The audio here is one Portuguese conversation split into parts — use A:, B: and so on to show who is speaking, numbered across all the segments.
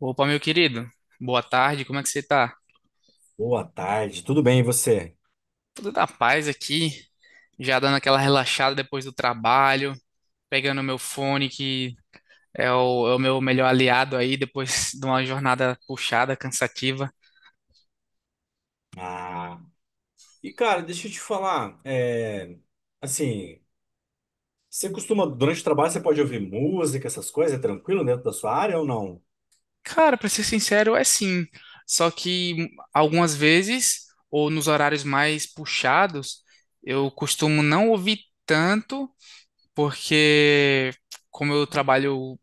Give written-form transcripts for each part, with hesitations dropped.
A: Opa, meu querido. Boa tarde, como é que você tá?
B: Boa tarde, tudo bem e você?
A: Tudo na paz aqui, já dando aquela relaxada depois do trabalho, pegando meu fone, que é o meu melhor aliado aí, depois de uma jornada puxada, cansativa.
B: Ah, e cara, deixa eu te falar, assim, você costuma, durante o trabalho, você pode ouvir música, essas coisas, é tranquilo dentro da sua área ou não?
A: Cara, pra ser sincero, é sim. Só que algumas vezes, ou nos horários mais puxados, eu costumo não ouvir tanto, porque como eu trabalho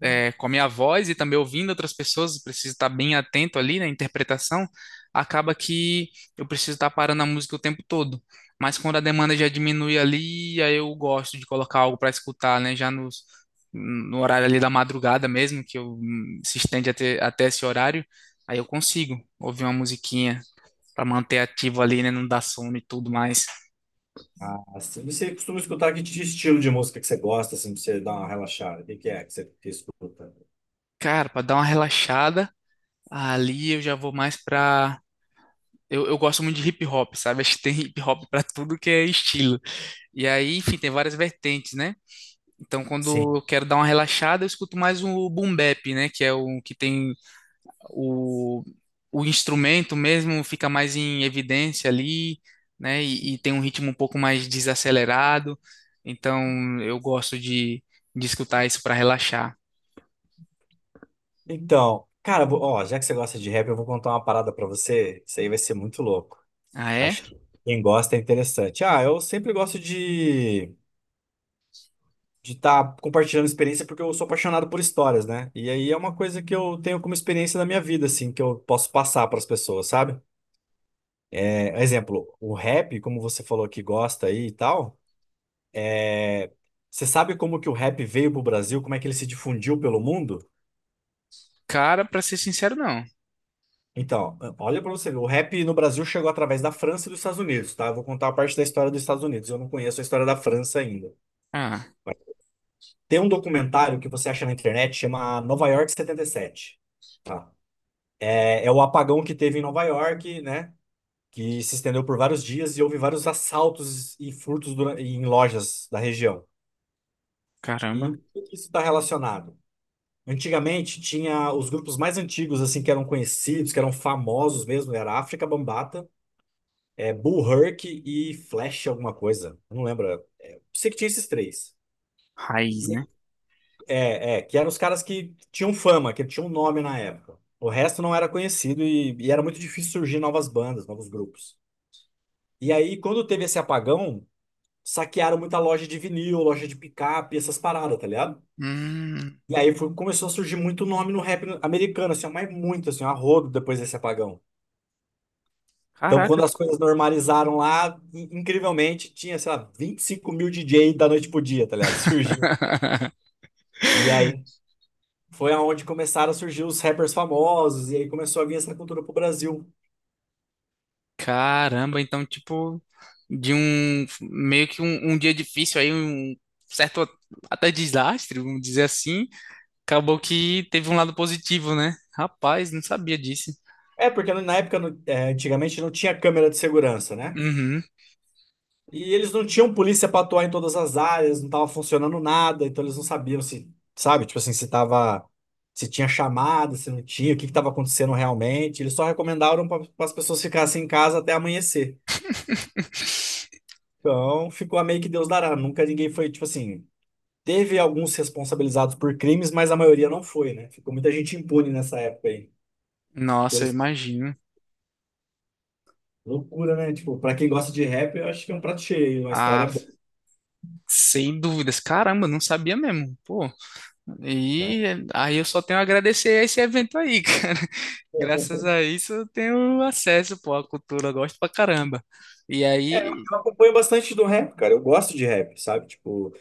A: é, com a minha voz e também ouvindo outras pessoas, preciso estar bem atento ali na interpretação, acaba que eu preciso estar parando a música o tempo todo. Mas quando a demanda já diminui ali, aí eu gosto de colocar algo para escutar, né? No horário ali da madrugada mesmo, que eu, se estende até esse horário, aí eu consigo ouvir uma musiquinha para manter ativo ali, né? Não dar sono e tudo mais.
B: Ah, assim, você costuma escutar que tipo de estilo de música que você gosta, assim, pra você dar uma relaxada? O que que é que você que escuta?
A: Cara, para dar uma relaxada, ali eu já vou mais para eu gosto muito de hip hop, sabe? Acho que tem hip hop pra tudo que é estilo. E aí, enfim, tem várias vertentes, né? Então,
B: Sim.
A: quando eu quero dar uma relaxada, eu escuto mais o boom bap, né? Que é o que tem o, o instrumento mesmo fica mais em evidência ali, né? E tem um ritmo um pouco mais desacelerado. Então, de escutar isso pra relaxar.
B: Então, cara, ó, já que você gosta de rap, eu vou contar uma parada pra você, isso aí vai ser muito louco.
A: Ah, é?
B: Acho que quem gosta é interessante. Ah, eu sempre gosto de estar compartilhando experiência, porque eu sou apaixonado por histórias, né? E aí é uma coisa que eu tenho como experiência da minha vida, assim, que eu posso passar para as pessoas, sabe? É, exemplo, o rap, como você falou que gosta aí e tal, é, você sabe como que o rap veio pro Brasil, como é que ele se difundiu pelo mundo?
A: Cara, pra ser sincero, não.
B: Então, olha para você ver, o rap no Brasil chegou através da França e dos Estados Unidos, tá? Eu vou contar a parte da história dos Estados Unidos, eu não conheço a história da França ainda.
A: Ah,
B: Tem um documentário que você acha na internet, chama Nova York 77, tá? É, é o apagão que teve em Nova York, né? Que se estendeu por vários dias e houve vários assaltos e furtos em lojas da região.
A: caramba.
B: E por que isso está relacionado? Antigamente tinha os grupos mais antigos, assim, que eram conhecidos, que eram famosos mesmo, era África Bambata, é, Bull Herc e Flash alguma coisa. Eu não lembro. É, sei que tinha esses três.
A: Raiz,
B: E
A: né?
B: aí- que eram os caras que tinham fama, que tinham nome na época. O resto não era conhecido e era muito difícil surgir novas bandas, novos grupos. E aí, quando teve esse apagão, saquearam muita loja de vinil, loja de picape, essas paradas, tá ligado?
A: Hum,
B: Começou a surgir muito nome no rap americano, assim, ó, mas muito, assim, ó, a rodo depois desse apagão. Então,
A: caraca.
B: quando as coisas normalizaram lá, incrivelmente, tinha, sei lá, 25 mil DJ da noite pro dia, tá ligado? Surgiu. E aí foi aonde começaram a surgir os rappers famosos, e aí começou a vir essa cultura pro Brasil.
A: Caramba, então, tipo, de um meio que um dia difícil aí, um certo até desastre, vamos dizer assim, acabou que teve um lado positivo, né? Rapaz, não sabia disso.
B: É, porque na época, antigamente, não tinha câmera de segurança, né?
A: Uhum.
B: E eles não tinham polícia para atuar em todas as áreas, não tava funcionando nada, então eles não sabiam se, sabe, tipo assim, se tava, se tinha chamada, se não tinha, o que que tava acontecendo realmente. Eles só recomendaram para as pessoas ficassem em casa até amanhecer. Então, ficou a meio que Deus dará. Nunca ninguém foi, tipo assim, teve alguns responsabilizados por crimes, mas a maioria não foi, né? Ficou muita gente impune nessa época aí.
A: Nossa, eu
B: Deus-
A: imagino.
B: Loucura, né? Tipo, para quem gosta de rap, eu acho que é um prato cheio, uma história
A: Ah,
B: boa,
A: sem dúvidas. Caramba, não sabia mesmo. Pô,
B: né?
A: e aí eu só tenho a agradecer a esse evento aí, cara. Graças a isso eu tenho acesso, pô, à cultura, eu gosto pra caramba. E
B: É, eu
A: aí,
B: acompanho bastante do rap, cara. Eu gosto de rap, sabe? Tipo,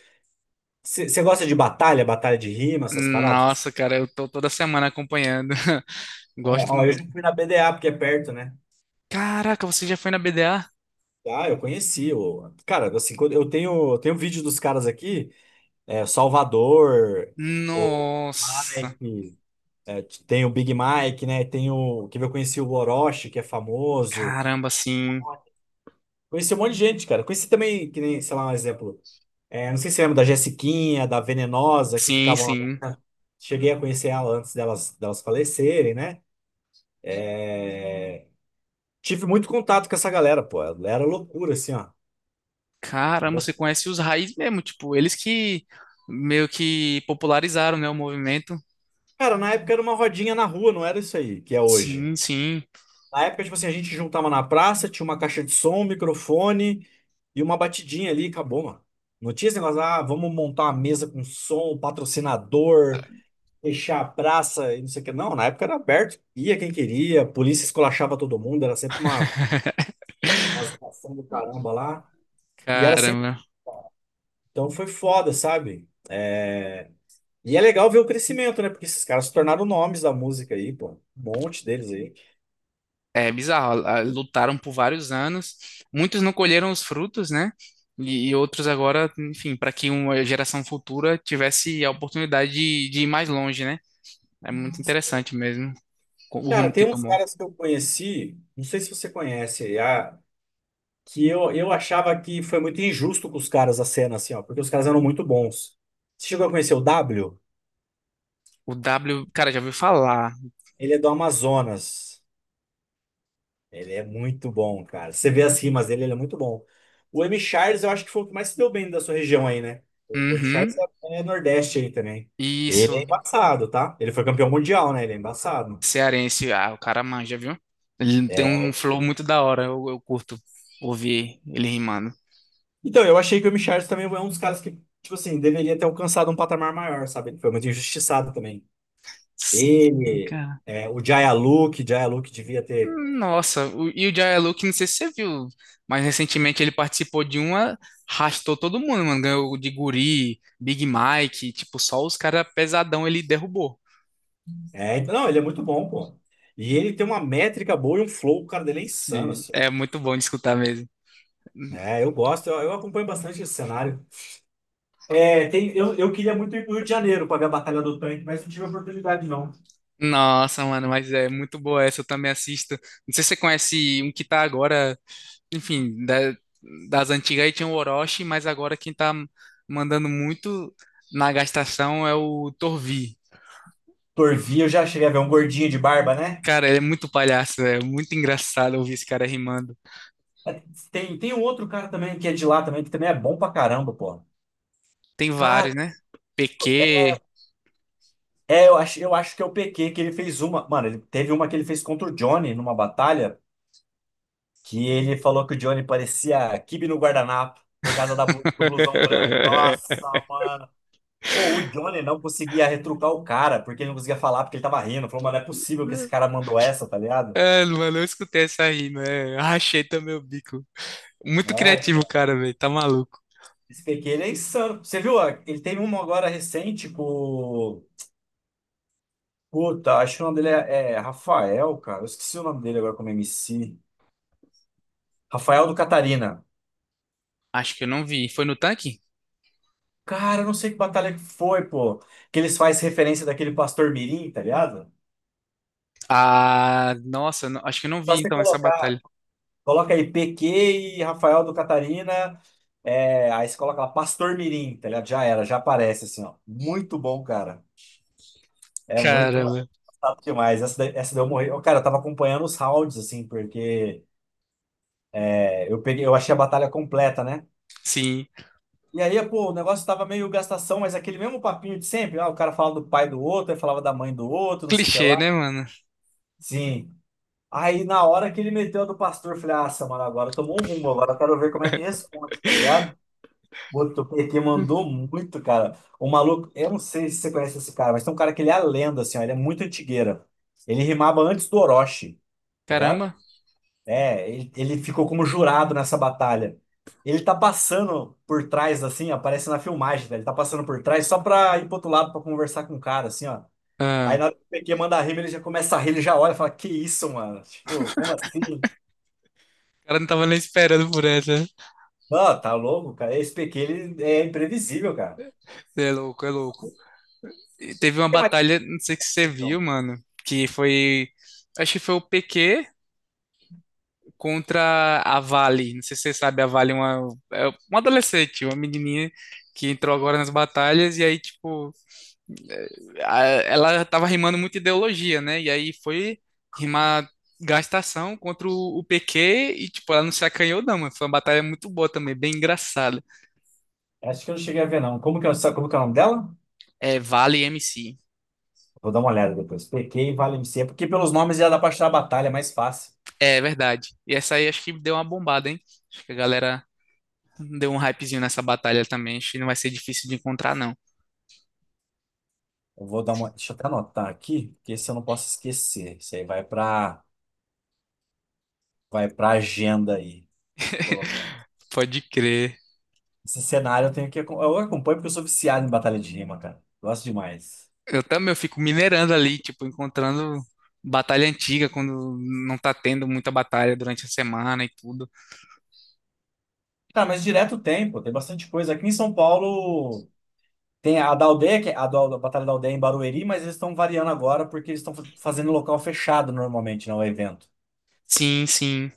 B: você gosta de batalha, batalha de rima, essas paradas?
A: nossa, cara, eu tô toda semana acompanhando.
B: É,
A: Gosto
B: ó, eu
A: muito.
B: já fui na BDA, porque é perto, né?
A: Caraca, você já foi na BDA?
B: Ah, eu conheci. O... Cara, assim, eu tenho vídeo dos caras aqui, é, Salvador, o
A: Nossa,
B: Mike, é, tem o Big Mike, né? Tem o que eu conheci o Orochi, que é famoso.
A: caramba, sim.
B: Conheci um monte de gente, cara. Conheci também, que nem, sei lá, um exemplo. É, não sei se você lembra da Jessiquinha, da Venenosa, que
A: Sim,
B: ficavam lá,
A: sim.
B: né? Cheguei a conhecer ela antes delas falecerem, né? É, tive muito contato com essa galera, pô. Era loucura, assim, ó.
A: Caramba, você conhece os raízes mesmo, tipo, eles que meio que popularizaram, né, o movimento.
B: Cara, na época era uma rodinha na rua, não era isso aí que é hoje.
A: Sim, sim.
B: Na época, tipo assim, a gente juntava na praça, tinha uma caixa de som, um microfone e uma batidinha ali, e acabou, mano. Não tinha esse negócio, ah, vamos montar uma mesa com som, patrocinador, fechar a praça e não sei o que. Não, na época era aberto, ia quem queria, a polícia esculachava todo mundo, era sempre uma situação do caramba lá. E era sempre.
A: Caramba.
B: Então foi foda, sabe? É, e é legal ver o crescimento, né? Porque esses caras se tornaram nomes da música aí, pô. Um monte deles aí.
A: É bizarro, a- lutaram por vários anos, muitos não colheram os frutos, né? E outros agora, enfim, para que uma geração futura tivesse a oportunidade de ir mais longe, né? É muito interessante mesmo co- o
B: Cara,
A: rumo que
B: tem uns
A: tomou.
B: caras que eu conheci, não sei se você conhece, que eu achava que foi muito injusto com os caras a cena, assim, ó, porque os caras eram muito bons. Você chegou a conhecer o W?
A: O W, cara, já ouviu falar.
B: Ele é do Amazonas. Ele é muito bom, cara. Você vê as rimas dele, ele é muito bom. O M. Charles, eu acho que foi o que mais se deu bem da sua região aí, né? O M. Charles
A: Uhum,
B: é, é Nordeste aí também. Ele é
A: isso,
B: embaçado, tá? Ele foi campeão mundial, né? Ele é embaçado.
A: cearense, ah, o cara manja, viu? Ele tem um
B: É.
A: flow muito da hora, eu curto ouvir ele rimando.
B: Então, eu achei que o M. Charles também é um dos caras que, tipo assim, deveria ter alcançado um patamar maior, sabe? Ele foi muito injustiçado também.
A: Sim,
B: Ele,
A: cara.
B: é, o Jaya Luke, Jaya Luke devia ter.
A: Nossa, o- e o Jaya Luke, não sei se você viu, mas recentemente ele participou de uma, arrastou todo mundo, mano. Ganhou de Guri, Big Mike, tipo, só os caras pesadão ele derrubou.
B: É, então, não, ele é muito bom, pô. E ele tem uma métrica boa e um flow, o cara dele é insano,
A: Sim,
B: assim.
A: é muito bom de escutar mesmo.
B: É, eu gosto, eu acompanho bastante esse cenário. É, tem, eu queria muito ir pro Rio de Janeiro pra ver a Batalha do Tanque, mas não tive a oportunidade, não.
A: Nossa, mano, mas é muito boa essa, eu também assisto. Não sei se você conhece um que tá agora, enfim, da- das antigas aí tinha o Orochi, mas agora quem tá mandando muito na gastação é o Torvi.
B: Torvi, eu já cheguei a ver um gordinho de barba, né?
A: Cara, ele é muito palhaço, é muito engraçado ouvir esse cara rimando.
B: É, tem um outro cara também que é de lá também, que também é bom pra caramba, pô.
A: Tem
B: Cara,
A: vários, né? PQ.
B: é, eu acho que é o PQ que ele fez uma. Mano, ele teve uma que ele fez contra o Johnny numa batalha, que ele falou que o Johnny parecia quibe no guardanapo por causa da do blusão branco. Nossa, pô, o Johnny não conseguia retrucar o cara, porque ele não conseguia falar, porque ele tava rindo. Falou, mas não é possível que esse cara mandou essa, tá ligado?
A: É, mano, eu escutei essa rima, é. Rachei também o bico. Muito
B: Não é?
A: criativo, o cara, velho. Tá maluco.
B: Esse PQ, ele é insano. Você viu? Ó, ele teve uma agora recente com. Puta, acho que o nome dele é, é Rafael, cara. Eu esqueci o nome dele agora como MC. Rafael do Catarina.
A: Acho que eu não vi. Foi no tanque?
B: Cara, eu não sei que batalha que foi, pô. Que eles fazem referência daquele pastor Mirim, tá ligado?
A: Ah, nossa, não- acho que eu não
B: Só
A: vi
B: você
A: então essa
B: colocar.
A: batalha.
B: Coloca aí PQ e Rafael do Catarina. É, aí você coloca lá Pastor Mirim, tá ligado? Já era, já aparece assim, ó. Muito bom, cara. É muito
A: Caramba.
B: engraçado demais. Essa, essa deu morrer. Ô, cara, eu tava acompanhando os rounds, assim, porque é, eu achei a batalha completa, né?
A: Sim.
B: E aí, pô, o negócio tava meio gastação, mas aquele mesmo papinho de sempre. Ah, o cara falava do pai do outro, aí falava da mãe do outro, não sei o que
A: Clichê,
B: lá.
A: né, mano?
B: Sim. Aí, na hora que ele meteu a do pastor, eu falei, ah, mano, agora tomou um rumo, agora eu quero ver como é que responde, tá ligado? Botou PT, mandou muito, cara. O maluco, eu não sei se você conhece esse cara, mas tem um cara que ele é a lenda, assim, ó, ele é muito antigueira. Ele rimava antes do Orochi, tá ligado?
A: Caramba.
B: É, ele ficou como jurado nessa batalha. Ele tá passando por trás, assim, aparece na filmagem, velho. Ele tá passando por trás só pra ir pro outro lado pra conversar com o cara, assim, ó. Aí
A: Ah,
B: na hora que o PQ manda a rima, ele já começa a rir, ele já olha e fala: Que isso, mano? Tipo, como assim?
A: o cara não tava nem esperando por essa.
B: Não, tá louco, cara. Esse PQ, ele é imprevisível, cara. O
A: Você é louco, é louco. E teve uma
B: que mais?
A: batalha, não sei se você viu, mano, que foi. Acho que foi o PQ contra a Vale. Não sei se você sabe, a Vale é uma adolescente, uma menininha que entrou agora nas batalhas e aí, tipo, eh, a- ela tava rimando muito ideologia, né? E aí foi rimar gastação contra o PQ e, tipo, ela não se acanhou, não, mano. Foi uma batalha muito boa também, bem engraçada.
B: Acho que eu não cheguei a ver, não. Como que, sabe como que é o nome dela?
A: É, Vale MC.
B: Vou dar uma olhada depois. PK e Valencia, porque pelos nomes já dá pra achar a batalha mais fácil.
A: É verdade. E essa aí acho que deu uma bombada, hein? Acho que a galera deu um hypezinho nessa batalha também, acho que não vai ser difícil de encontrar, não.
B: Eu vou dar uma. Deixa eu até anotar aqui, porque esse eu não posso esquecer. Isso aí vai pra agenda aí. Colocar.
A: Pode crer.
B: Esse cenário eu tenho que. Eu acompanho porque eu sou viciado em batalha de rima, cara. Gosto demais.
A: Eu também, eu fico minerando ali, tipo, encontrando batalha antiga quando não tá tendo muita batalha durante a semana e tudo.
B: Tá, mas direto tem, pô. Tem bastante coisa. Aqui em São Paulo tem a da aldeia, que é a Batalha da Aldeia em Barueri, mas eles estão variando agora porque eles estão fazendo em local fechado normalmente, não é evento.
A: Sim, sim,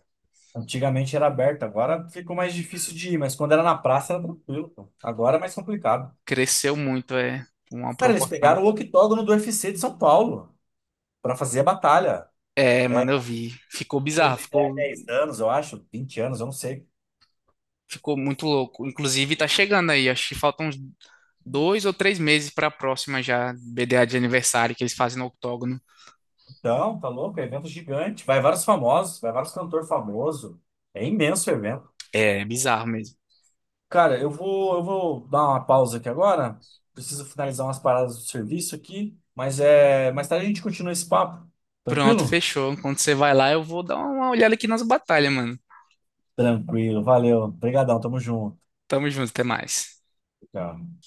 B: Antigamente era aberto, agora ficou mais difícil de ir, mas quando era na praça era tranquilo, pô. Agora é mais complicado.
A: cresceu muito, é uma
B: Cara, eles pegaram o
A: proporção.
B: octógono do UFC de São Paulo para fazer a batalha.
A: É, mano, eu vi. Ficou
B: Foi
A: bizarro,
B: evento há
A: ficou,
B: 10 anos, eu acho, 20 anos, eu não sei.
A: ficou muito louco. Inclusive, tá chegando aí, acho que faltam uns dois ou três meses pra próxima já, BDA de aniversário que eles fazem no octógono.
B: Então, tá louco, é evento gigante. Vai vários famosos, vai vários cantores famosos. É imenso o evento.
A: É bizarro mesmo.
B: Cara, eu vou dar uma pausa aqui agora. Preciso finalizar umas paradas do serviço aqui, mas é, mais tarde a gente continua esse papo.
A: Pronto,
B: Tranquilo?
A: fechou. Quando você vai lá, eu vou dar uma olhada aqui nas batalhas, mano.
B: Tranquilo, valeu. Obrigadão, tamo junto.
A: Tamo junto, até mais.
B: Tchau.